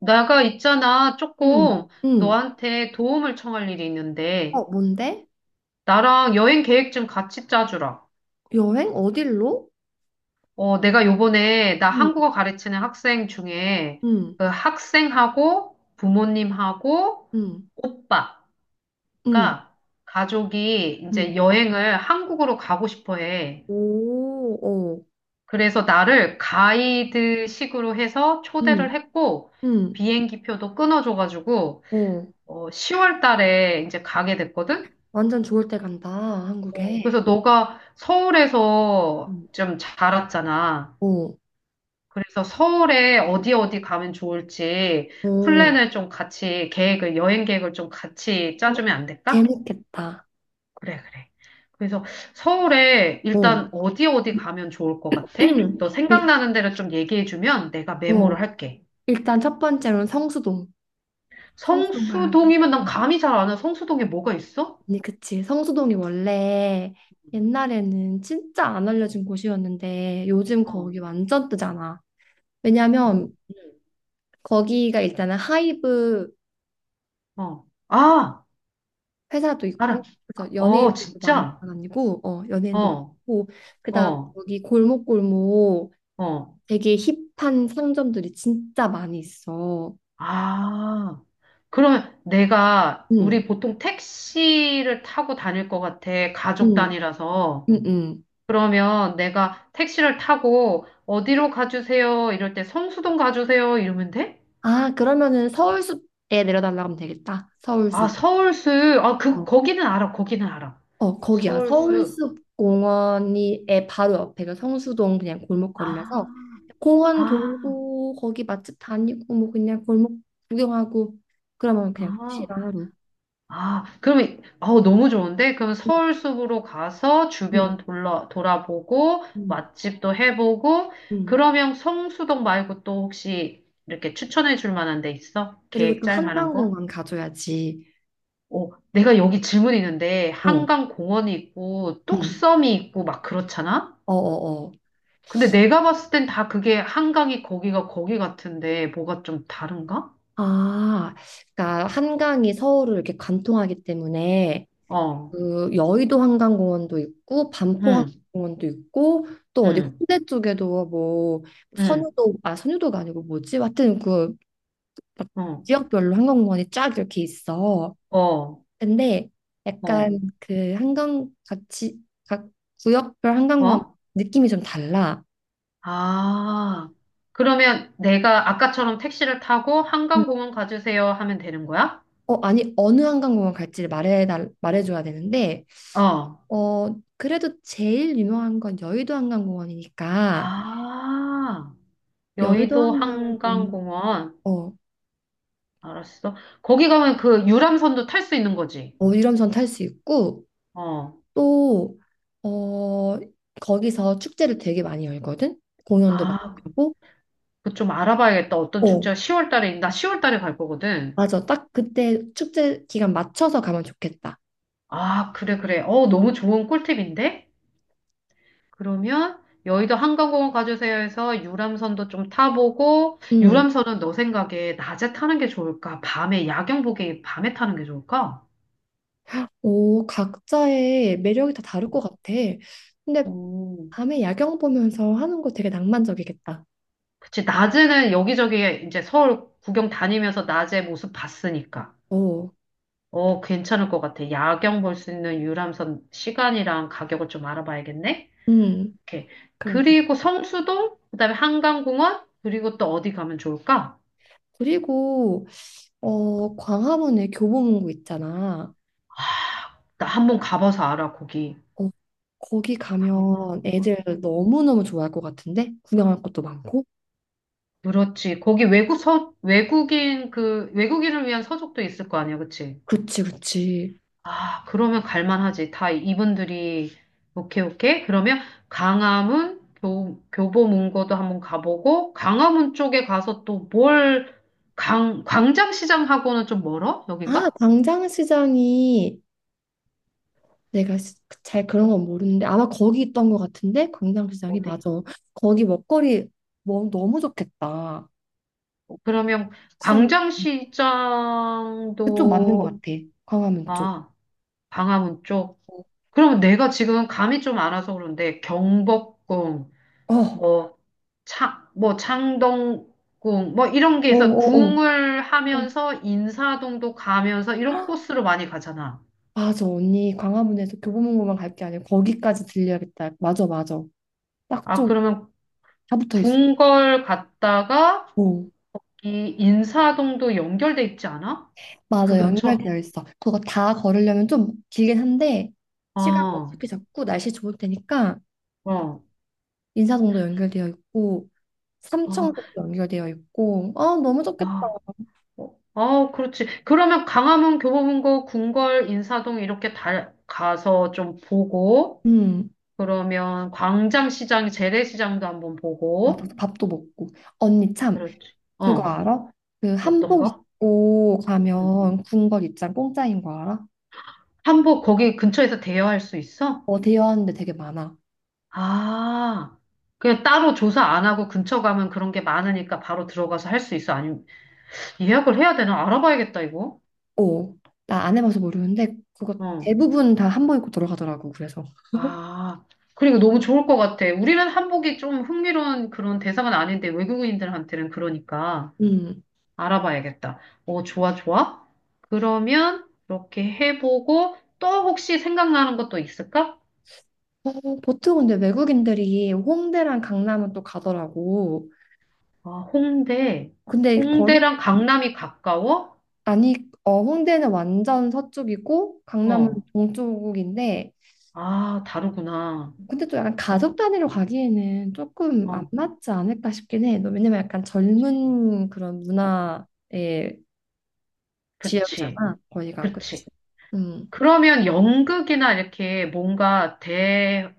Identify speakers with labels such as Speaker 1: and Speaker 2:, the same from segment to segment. Speaker 1: 내가 있잖아,
Speaker 2: 응,
Speaker 1: 조금
Speaker 2: 응.
Speaker 1: 너한테 도움을 청할 일이
Speaker 2: 어,
Speaker 1: 있는데,
Speaker 2: 뭔데?
Speaker 1: 나랑 여행 계획 좀 같이 짜주라.
Speaker 2: 여행? 어딜로?
Speaker 1: 내가 요번에 나
Speaker 2: 응,
Speaker 1: 한국어 가르치는 학생 중에
Speaker 2: 응,
Speaker 1: 그 학생하고 부모님하고
Speaker 2: 응,
Speaker 1: 오빠가
Speaker 2: 응,
Speaker 1: 가족이 이제
Speaker 2: 응.
Speaker 1: 여행을 한국으로 가고 싶어 해.
Speaker 2: 오, 어,
Speaker 1: 그래서 나를 가이드식으로 해서 초대를
Speaker 2: 응,
Speaker 1: 했고,
Speaker 2: 응,
Speaker 1: 비행기표도 끊어줘가지고,
Speaker 2: 어.
Speaker 1: 10월 달에 이제 가게 됐거든?
Speaker 2: 완전 좋을 때 간다, 한국에.
Speaker 1: 그래서 너가 서울에서
Speaker 2: 응,
Speaker 1: 좀 자랐잖아.
Speaker 2: 어,
Speaker 1: 그래서 서울에 어디 어디 가면 좋을지
Speaker 2: 어.
Speaker 1: 플랜을 좀 같이 계획을, 여행 계획을 좀 같이
Speaker 2: 어,
Speaker 1: 짜주면 안 될까?
Speaker 2: 재밌겠다.
Speaker 1: 그래, 그래. 그래서 서울에
Speaker 2: 어.
Speaker 1: 일단 어디 어디 가면 좋을 것 같아? 너
Speaker 2: 일-
Speaker 1: 생각나는 데를 좀 얘기해주면 내가
Speaker 2: 어.
Speaker 1: 메모를 할게.
Speaker 2: 일단 첫 번째로는 성수동. 성수동 가야 돼.
Speaker 1: 성수동이면 난
Speaker 2: 어.
Speaker 1: 감이 잘 안 와. 성수동에 뭐가 있어?
Speaker 2: 아니, 그치. 성수동이 원래 옛날에는 진짜 안 알려진 곳이었는데 요즘
Speaker 1: 어,
Speaker 2: 거기 완전 뜨잖아.
Speaker 1: 뭐,
Speaker 2: 왜냐면 거기가 일단은 하이브
Speaker 1: 어.
Speaker 2: 그
Speaker 1: 아,
Speaker 2: 회사도
Speaker 1: 알아.
Speaker 2: 있고 그래서
Speaker 1: 어,
Speaker 2: 연예인들도 많이
Speaker 1: 진짜?
Speaker 2: 다니고 어 연예인도
Speaker 1: 어,
Speaker 2: 많고 그다음
Speaker 1: 어.
Speaker 2: 여기 골목골목
Speaker 1: 어.
Speaker 2: 되게 힙한 상점들이 진짜 많이 있어.
Speaker 1: 아, 그러면 내가
Speaker 2: 응,
Speaker 1: 우리 보통 택시를 타고 다닐 것 같아.
Speaker 2: 응,
Speaker 1: 가족 단위라서.
Speaker 2: 응, 응.
Speaker 1: 그러면 내가 택시를 타고 어디로 가주세요? 이럴 때 성수동 가주세요? 이러면 돼?
Speaker 2: 아, 그러면은 서울숲에 내려달라고 하면 되겠다.
Speaker 1: 아,
Speaker 2: 서울숲.
Speaker 1: 서울수. 아, 그,
Speaker 2: 어.
Speaker 1: 거기는 알아. 거기는 알아.
Speaker 2: 어, 거기야.
Speaker 1: 서울수.
Speaker 2: 서울숲공원이 에 바로 옆에가 성수동 그냥 골목거리라서
Speaker 1: 아,
Speaker 2: 공원
Speaker 1: 아,
Speaker 2: 돌고 거기 맛집 다니고 뭐 그냥 골목 구경하고 그러면 그냥 끝이야
Speaker 1: 아.
Speaker 2: 하루.
Speaker 1: 아, 그러면, 아우, 너무 좋은데? 그럼
Speaker 2: 응,
Speaker 1: 서울 숲으로 가서
Speaker 2: 응,
Speaker 1: 주변 돌아보고,
Speaker 2: 응,
Speaker 1: 맛집도 해보고,
Speaker 2: 응.
Speaker 1: 그러면 성수동 말고 또 혹시 이렇게 추천해 줄 만한 데 있어?
Speaker 2: 그리고
Speaker 1: 계획
Speaker 2: 또
Speaker 1: 짤 만한 거?
Speaker 2: 한강공원 가줘야지.
Speaker 1: 오, 내가 여기 질문 있는데,
Speaker 2: 어,
Speaker 1: 한강 공원이 있고,
Speaker 2: 응,
Speaker 1: 뚝섬이 있고, 막 그렇잖아?
Speaker 2: 어, 어, 어.
Speaker 1: 근데 내가 봤을 땐 다 그게 한강이 거기가 거기 같은데, 뭐가 좀 다른가?
Speaker 2: 아, 그러니까 한강이 서울을 이렇게 관통하기 때문에
Speaker 1: 어,
Speaker 2: 그 여의도 한강공원도 있고 반포
Speaker 1: 응,
Speaker 2: 한강공원도 있고 또 어디
Speaker 1: 응,
Speaker 2: 홍대 쪽에도 뭐
Speaker 1: 응,
Speaker 2: 선유도 아 선유도가 아니고 뭐지? 하여튼 그막
Speaker 1: 응,
Speaker 2: 지역별로 한강공원이 쫙 이렇게 있어.
Speaker 1: 어, 어,
Speaker 2: 근데
Speaker 1: 어.
Speaker 2: 약간 그 한강 같이 각 구역별 한강공원
Speaker 1: 어?
Speaker 2: 느낌이 좀 달라.
Speaker 1: 아, 그러면 내가 아까처럼 택시를 타고
Speaker 2: 음.
Speaker 1: 한강공원 가주세요 하면 되는 거야?
Speaker 2: 어, 아니, 어느 한강공원 갈지를 말해줘야 되는데
Speaker 1: 어.
Speaker 2: 어 그래도 제일 유명한 건 여의도 한강공원이니까
Speaker 1: 아,
Speaker 2: 여의도
Speaker 1: 여의도
Speaker 2: 한강공원.
Speaker 1: 한강공원.
Speaker 2: 어,
Speaker 1: 알았어. 거기 가면 그 유람선도 탈 수 있는 거지.
Speaker 2: 어, 유람선 탈 수 있고
Speaker 1: 어.
Speaker 2: 또 어, 거기서 축제를 되게 많이 열거든. 공연도 많이
Speaker 1: 아,
Speaker 2: 하고.
Speaker 1: 그 좀 알아봐야겠다. 어떤
Speaker 2: 어,
Speaker 1: 축제가 10월 달에, 나 10월 달에 갈 거거든.
Speaker 2: 맞아. 딱 그때 축제 기간 맞춰서 가면 좋겠다.
Speaker 1: 아, 그래, 그래. 너무 좋은 꿀팁인데? 그러면 여의도 한강공원 가주세요 해서 유람선도 좀 타보고
Speaker 2: 음.
Speaker 1: 유람선은 너 생각에 낮에 타는 게 좋을까? 밤에 야경 보기 밤에 타는 게 좋을까?
Speaker 2: 오, 각자의 매력이 다 다를 것 같아. 근데
Speaker 1: 오,
Speaker 2: 밤에 야경 보면서 하는 거 되게 낭만적이겠다.
Speaker 1: 그치 낮에는 여기저기 이제 서울 구경 다니면서 낮에 모습 봤으니까
Speaker 2: 오,
Speaker 1: 어 괜찮을 것 같아. 야경 볼 수 있는 유람선 시간이랑 가격을 좀 알아봐야겠네.
Speaker 2: 음,
Speaker 1: 이렇게
Speaker 2: 그럼.
Speaker 1: 그리고 성수동 그다음에 한강공원 그리고 또 어디 가면 좋을까?
Speaker 2: 그리고 어, 광화문에 교보문고 있잖아.
Speaker 1: 나 한번 가봐서 알아 거기.
Speaker 2: 어, 거기
Speaker 1: 아,
Speaker 2: 가면 애들 너무너무 좋아할 것 같은데? 구경할 것도 많고?
Speaker 1: 그렇지. 거기 외국인 그 외국인을 위한 서적도 있을 거 아니야, 그치?
Speaker 2: 그치, 그치.
Speaker 1: 아, 그러면 갈만하지. 다 이분들이 오케이, 오케이. 그러면 교보문고도 한번 가보고 강화문 쪽에 가서 또 뭘 광장시장하고는 좀 멀어?
Speaker 2: 아,
Speaker 1: 여기가?
Speaker 2: 광장시장이 내가 잘 그런 건 모르는데 아마 거기 있던 것 같은데? 광장시장이
Speaker 1: 어디?
Speaker 2: 맞아. 거기 먹거리 뭐, 너무 좋겠다.
Speaker 1: 그러면
Speaker 2: 시장이 그쪽 맞는 것
Speaker 1: 광장시장도
Speaker 2: 같아. 광화문 쪽.
Speaker 1: 아, 강화문 쪽.
Speaker 2: 어,
Speaker 1: 그러면 내가 지금 감이 좀 안 와서 그런데 경복궁 뭐 뭐 창동궁 뭐 이런 게
Speaker 2: 어,
Speaker 1: 있어.
Speaker 2: 어, 어.
Speaker 1: 궁을
Speaker 2: 어.
Speaker 1: 하면서 인사동도 가면서 이런 코스로 많이 가잖아.
Speaker 2: 맞아, 언니. 광화문에서 교보문고만 갈 게 아니라 거기까지 들려야겠다. 맞아, 맞아. 딱
Speaker 1: 아,
Speaker 2: 좀
Speaker 1: 그러면
Speaker 2: 다 붙어 있어.
Speaker 1: 궁궐 갔다가 이 인사동도 연결돼 있지 않아? 그
Speaker 2: 맞아,
Speaker 1: 근처?
Speaker 2: 연결되어 있어. 그거 다 걸으려면 좀 길긴 한데,
Speaker 1: 어,
Speaker 2: 시간
Speaker 1: 어,
Speaker 2: 어떻게 잡고 날씨 좋을 때니까, 아,
Speaker 1: 어,
Speaker 2: 인사동도 연결되어 있고, 삼청동도 연결되어 있고, 아, 너무 좋겠다.
Speaker 1: 아, 어, 어, 그렇지. 그러면 강화문, 교보문고, 궁궐, 인사동 이렇게 다 가서 좀 보고,
Speaker 2: 음,
Speaker 1: 그러면 광장시장, 재래시장도 한번
Speaker 2: 맞아,
Speaker 1: 보고,
Speaker 2: 밥도 먹고. 언니 참,
Speaker 1: 그렇지.
Speaker 2: 그거
Speaker 1: 어,
Speaker 2: 알아? 그 한복
Speaker 1: 어떤가?
Speaker 2: 입고 가면 군걸 입장 공짜인 거 알아?
Speaker 1: 한복 거기 근처에서 대여할 수 있어?
Speaker 2: 어, 대여하는데 되게 많아.
Speaker 1: 아, 그냥 따로 조사 안 하고 근처 가면 그런 게 많으니까 바로 들어가서 할 수 있어? 아니면 예약을 해야 되나? 알아봐야겠다, 이거.
Speaker 2: 어, 나 안 해봐서 모르는데, 그거
Speaker 1: 어.
Speaker 2: 대부분 다 한복 입고 들어가더라고, 그래서.
Speaker 1: 아, 그리고 너무 좋을 것 같아. 우리는 한복이 좀 흥미로운 그런 대상은 아닌데 외국인들한테는 그러니까
Speaker 2: 음.
Speaker 1: 알아봐야겠다. 어, 좋아, 좋아. 그러면 그렇게 해보고 또 혹시 생각나는 것도 있을까?
Speaker 2: 어, 보통 근데 외국인들이 홍대랑 강남은 또 가더라고.
Speaker 1: 아, 홍대.
Speaker 2: 근데 거기
Speaker 1: 홍대랑 강남이 가까워?
Speaker 2: 아니 어 홍대는 완전 서쪽이고 강남은
Speaker 1: 어.
Speaker 2: 동쪽인데
Speaker 1: 아, 다르구나.
Speaker 2: 근데 또 약간
Speaker 1: 어,
Speaker 2: 가족 단위로 가기에는 조금 안
Speaker 1: 어,
Speaker 2: 맞지 않을까 싶긴 해. 너 왜냐면 약간
Speaker 1: 그치.
Speaker 2: 젊은 그런 문화의
Speaker 1: 그치.
Speaker 2: 지역이잖아. 거기가 그렇지.
Speaker 1: 그치.
Speaker 2: 음.
Speaker 1: 그러면 연극이나 이렇게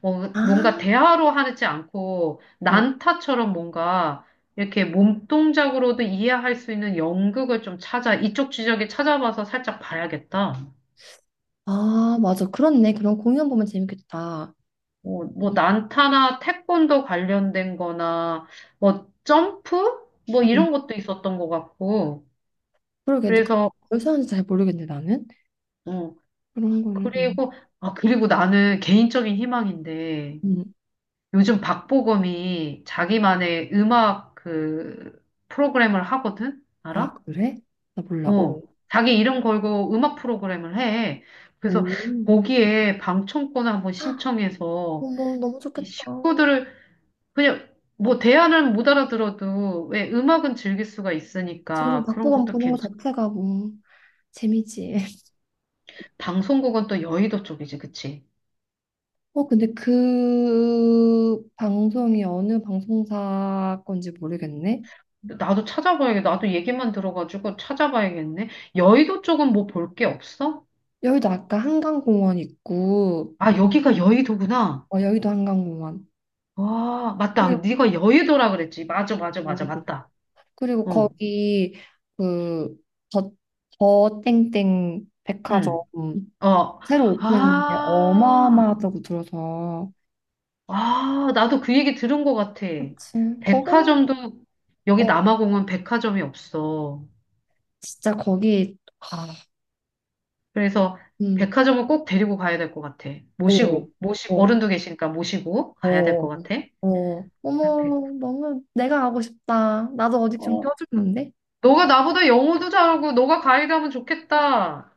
Speaker 1: 뭐,
Speaker 2: 아,
Speaker 1: 뭔가 대화로 하지 않고
Speaker 2: 어.
Speaker 1: 난타처럼 뭔가 이렇게 몸동작으로도 이해할 수 있는 연극을 좀 이쪽 지적에 찾아봐서 살짝 봐야겠다.
Speaker 2: 아, 맞아. 그렇네. 그런 공연 보면 재밌겠다.
Speaker 1: 뭐, 뭐,
Speaker 2: 음.
Speaker 1: 난타나 태권도 관련된 거나, 뭐, 점프? 뭐,
Speaker 2: 음.
Speaker 1: 이런 것도 있었던 것 같고.
Speaker 2: 그러게. 근데
Speaker 1: 그래서,
Speaker 2: 그걸 사는지 잘 모르겠네 나는.
Speaker 1: 어.
Speaker 2: 그런 거는. 음.
Speaker 1: 그리고, 아, 그리고 나는 개인적인 희망인데,
Speaker 2: 음.
Speaker 1: 요즘 박보검이 자기만의 음악 그 프로그램을 하거든?
Speaker 2: 아,
Speaker 1: 알아?
Speaker 2: 그래? 나 몰라.
Speaker 1: 어.
Speaker 2: 오.
Speaker 1: 자기 이름 걸고 음악 프로그램을 해. 그래서
Speaker 2: 오.
Speaker 1: 거기에 방청권을 한번 신청해서
Speaker 2: 어머, 너무
Speaker 1: 이
Speaker 2: 좋겠다.
Speaker 1: 식구들을 그냥 뭐 대화는 못 알아들어도 왜 음악은 즐길 수가
Speaker 2: 지금
Speaker 1: 있으니까 그런
Speaker 2: 박보검
Speaker 1: 것도
Speaker 2: 보는 거
Speaker 1: 괜찮아.
Speaker 2: 자체가 뭐 재미지.
Speaker 1: 방송국은 또 여의도 쪽이지, 그치?
Speaker 2: 어, 근데 그 방송이 어느 방송사 건지 모르겠네.
Speaker 1: 나도 찾아봐야겠다. 나도 얘기만 들어가지고 찾아봐야겠네. 여의도 쪽은 뭐 볼 게 없어?
Speaker 2: 여의도 아까 한강공원 있고,
Speaker 1: 아, 여기가 여의도구나.
Speaker 2: 어, 여의도 한강공원.
Speaker 1: 와, 맞다.
Speaker 2: 그리고
Speaker 1: 네가 여의도라 그랬지. 맞아, 맞아, 맞아,
Speaker 2: 여의도.
Speaker 1: 맞다.
Speaker 2: 그리고
Speaker 1: 어,
Speaker 2: 거기 그 저, 저 땡땡 백화점
Speaker 1: 응, 어.
Speaker 2: 새로 오픈했는데
Speaker 1: 아,
Speaker 2: 어마어마하다고 들어서.
Speaker 1: 아, 나도 그 얘기 들은 것 같아.
Speaker 2: 그치. 거기는,
Speaker 1: 백화점도, 여기
Speaker 2: 어,
Speaker 1: 남아공은 백화점이 없어.
Speaker 2: 진짜 거기 아,
Speaker 1: 그래서
Speaker 2: 음,
Speaker 1: 백화점을 꼭 데리고 가야 될 것 같아.
Speaker 2: 오,
Speaker 1: 모시
Speaker 2: 오,
Speaker 1: 어른도 계시니까 모시고 가야 될 것
Speaker 2: 오,
Speaker 1: 같아.
Speaker 2: 어,
Speaker 1: 아,
Speaker 2: 어머,
Speaker 1: 백,
Speaker 2: 너무 내가 가고 싶다. 나도 어디 좀
Speaker 1: 어,
Speaker 2: 껴주는데?
Speaker 1: 너가 나보다 영어도 잘하고 너가 가이드하면 좋겠다.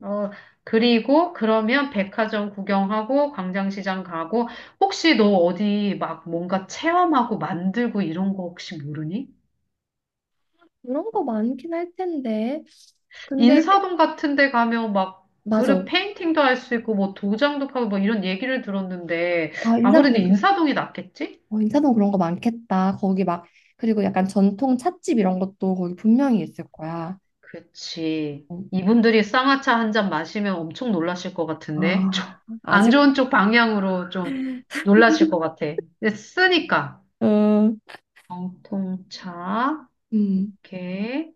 Speaker 1: 어, 그리고 그러면 백화점 구경하고 광장시장 가고 혹시 너 어디 막 뭔가 체험하고 만들고 이런 거 혹시 모르니?
Speaker 2: 그런 거 많긴 할 텐데. 근데
Speaker 1: 인사동 같은 데 가면 막 그릇
Speaker 2: 맞아.
Speaker 1: 페인팅도 할 수 있고 뭐 도장도 파고 뭐 이런 얘기를 들었는데
Speaker 2: 아,
Speaker 1: 아무래도
Speaker 2: 인사동에
Speaker 1: 인사동이 낫겠지?
Speaker 2: 어, 인사동 그런 거 많겠다. 거기 막 그리고 약간 전통 찻집 이런 것도 거기 분명히 있을 거야.
Speaker 1: 그치.
Speaker 2: 어,
Speaker 1: 이분들이 쌍화차 한 잔 마시면 엄청 놀라실 것 같은데.
Speaker 2: 아,
Speaker 1: 안
Speaker 2: 아직
Speaker 1: 좋은 쪽 방향으로 좀 놀라실 것 같아. 근데 쓰니까.
Speaker 2: 음,
Speaker 1: 정통차.
Speaker 2: 음,
Speaker 1: 오케이.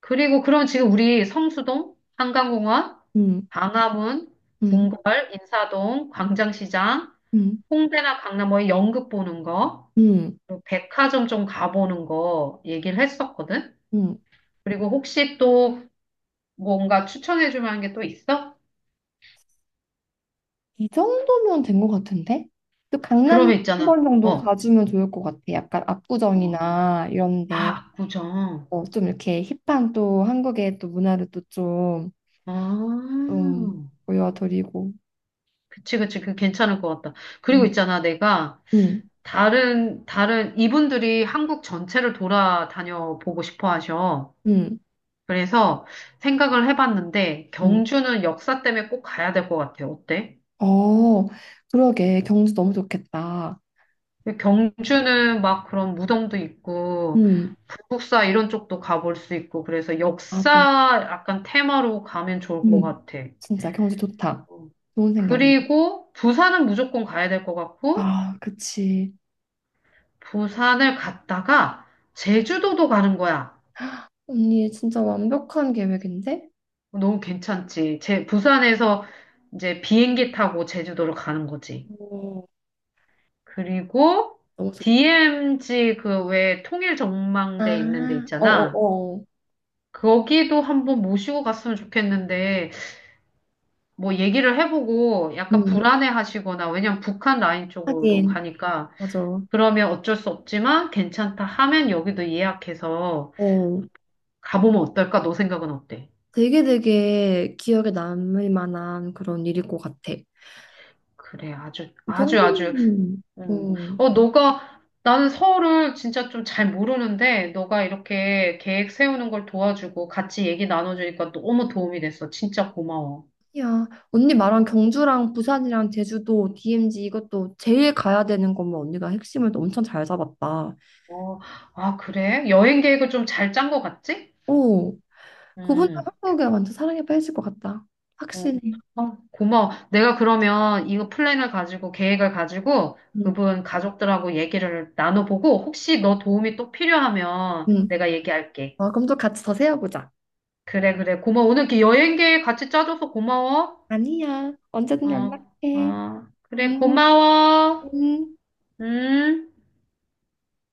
Speaker 1: 그리고 그럼 지금 우리 성수동, 한강공원,
Speaker 2: 음,
Speaker 1: 광화문,
Speaker 2: 음,
Speaker 1: 궁궐, 인사동, 광장시장,
Speaker 2: 음,
Speaker 1: 홍대나 강남 뭐 연극 보는 거,
Speaker 2: 음,
Speaker 1: 그리고 백화점 좀 가보는 거 얘기를 했었거든.
Speaker 2: 음.
Speaker 1: 그리고 혹시 또 뭔가 추천해 줄 만한 게 또 있어?
Speaker 2: 이 정도면 된 것 같은데? 또 강남
Speaker 1: 그러면
Speaker 2: 한
Speaker 1: 있잖아.
Speaker 2: 번 정도
Speaker 1: 어.
Speaker 2: 가주면 좋을 것 같아. 약간
Speaker 1: 어.
Speaker 2: 압구정이나 이런데
Speaker 1: 아, 압구정.
Speaker 2: 어, 좀 이렇게 힙한 또 한국의 또 문화를 또 좀,
Speaker 1: 아.
Speaker 2: 좀 보여드리고.
Speaker 1: 그치, 그치, 그 괜찮을 것 같다. 그리고
Speaker 2: 음,
Speaker 1: 있잖아, 내가
Speaker 2: 음,
Speaker 1: 다른, 이분들이 한국 전체를 돌아다녀 보고 싶어 하셔.
Speaker 2: 음,
Speaker 1: 그래서 생각을 해봤는데,
Speaker 2: 음.
Speaker 1: 경주는 역사 때문에 꼭 가야 될 것 같아. 어때?
Speaker 2: 어, 그러게. 경주 너무 좋겠다.
Speaker 1: 경주는 막 그런 무덤도 있고,
Speaker 2: 음,
Speaker 1: 불국사 이런 쪽도 가볼 수 있고, 그래서
Speaker 2: 나도.
Speaker 1: 역사 약간 테마로 가면 좋을 것
Speaker 2: 음,
Speaker 1: 같아.
Speaker 2: 진짜 경주 좋다.
Speaker 1: 어.
Speaker 2: 좋은 생각이네.
Speaker 1: 그리고 부산은 무조건 가야 될 것 같고,
Speaker 2: 아, 그치.
Speaker 1: 부산을 갔다가 제주도도 가는 거야.
Speaker 2: 언니 진짜 완벽한 계획인데?
Speaker 1: 너무 괜찮지. 부산에서 이제 비행기 타고 제주도를 가는 거지.
Speaker 2: 오,
Speaker 1: 그리고
Speaker 2: 너무 좋다.
Speaker 1: DMZ 그 왜 통일 전망대 있는 데
Speaker 2: 아,
Speaker 1: 있잖아.
Speaker 2: 어어어.
Speaker 1: 거기도 한번 모시고 갔으면 좋겠는데 뭐 얘기를 해보고 약간
Speaker 2: 음,
Speaker 1: 불안해 하시거나 왜냐면 북한 라인 쪽으로
Speaker 2: 하긴,
Speaker 1: 가니까
Speaker 2: 맞아.
Speaker 1: 그러면 어쩔 수 없지만 괜찮다 하면 여기도 예약해서
Speaker 2: 어,
Speaker 1: 가보면 어떨까? 너 생각은 어때?
Speaker 2: 되게 되게 기억에 남을 만한 그런 일일 것 같아.
Speaker 1: 그래, 아주, 아주, 아주,
Speaker 2: 경주는,
Speaker 1: 어.
Speaker 2: 니
Speaker 1: 어, 너가, 나는 서울을 진짜 좀 잘 모르는데, 너가 이렇게 계획 세우는 걸 도와주고 같이 얘기 나눠주니까 너무 도움이 됐어. 진짜 고마워.
Speaker 2: 야, 언니 말한 경주랑 부산이랑 제주도, DMZ 이것도 제일 가야 되는 거면 언니가 핵심을 또 엄청 잘 잡았다.
Speaker 1: 어, 아, 그래? 여행 계획을 좀 잘 짠 것 같지?
Speaker 2: 오, 그분도
Speaker 1: 음,
Speaker 2: 한국에 완전 사랑에 빠질 것 같다.
Speaker 1: 음.
Speaker 2: 확실해.
Speaker 1: 어, 고마워. 내가 그러면 이거 플랜을 가지고, 계획을 가지고,
Speaker 2: 응.
Speaker 1: 그분 가족들하고 얘기를 나눠보고, 혹시
Speaker 2: 어,
Speaker 1: 너 도움이 또 필요하면
Speaker 2: 응.
Speaker 1: 내가 얘기할게.
Speaker 2: 어, 그럼 또 같이 더 세워보자.
Speaker 1: 그래, 그래. 고마워. 오늘 이렇게 여행 계획 같이 짜줘서 고마워.
Speaker 2: 아니야, 언제든
Speaker 1: 어,
Speaker 2: 연락해.
Speaker 1: 어, 그래,
Speaker 2: 응.
Speaker 1: 고마워.
Speaker 2: 음.
Speaker 1: 음.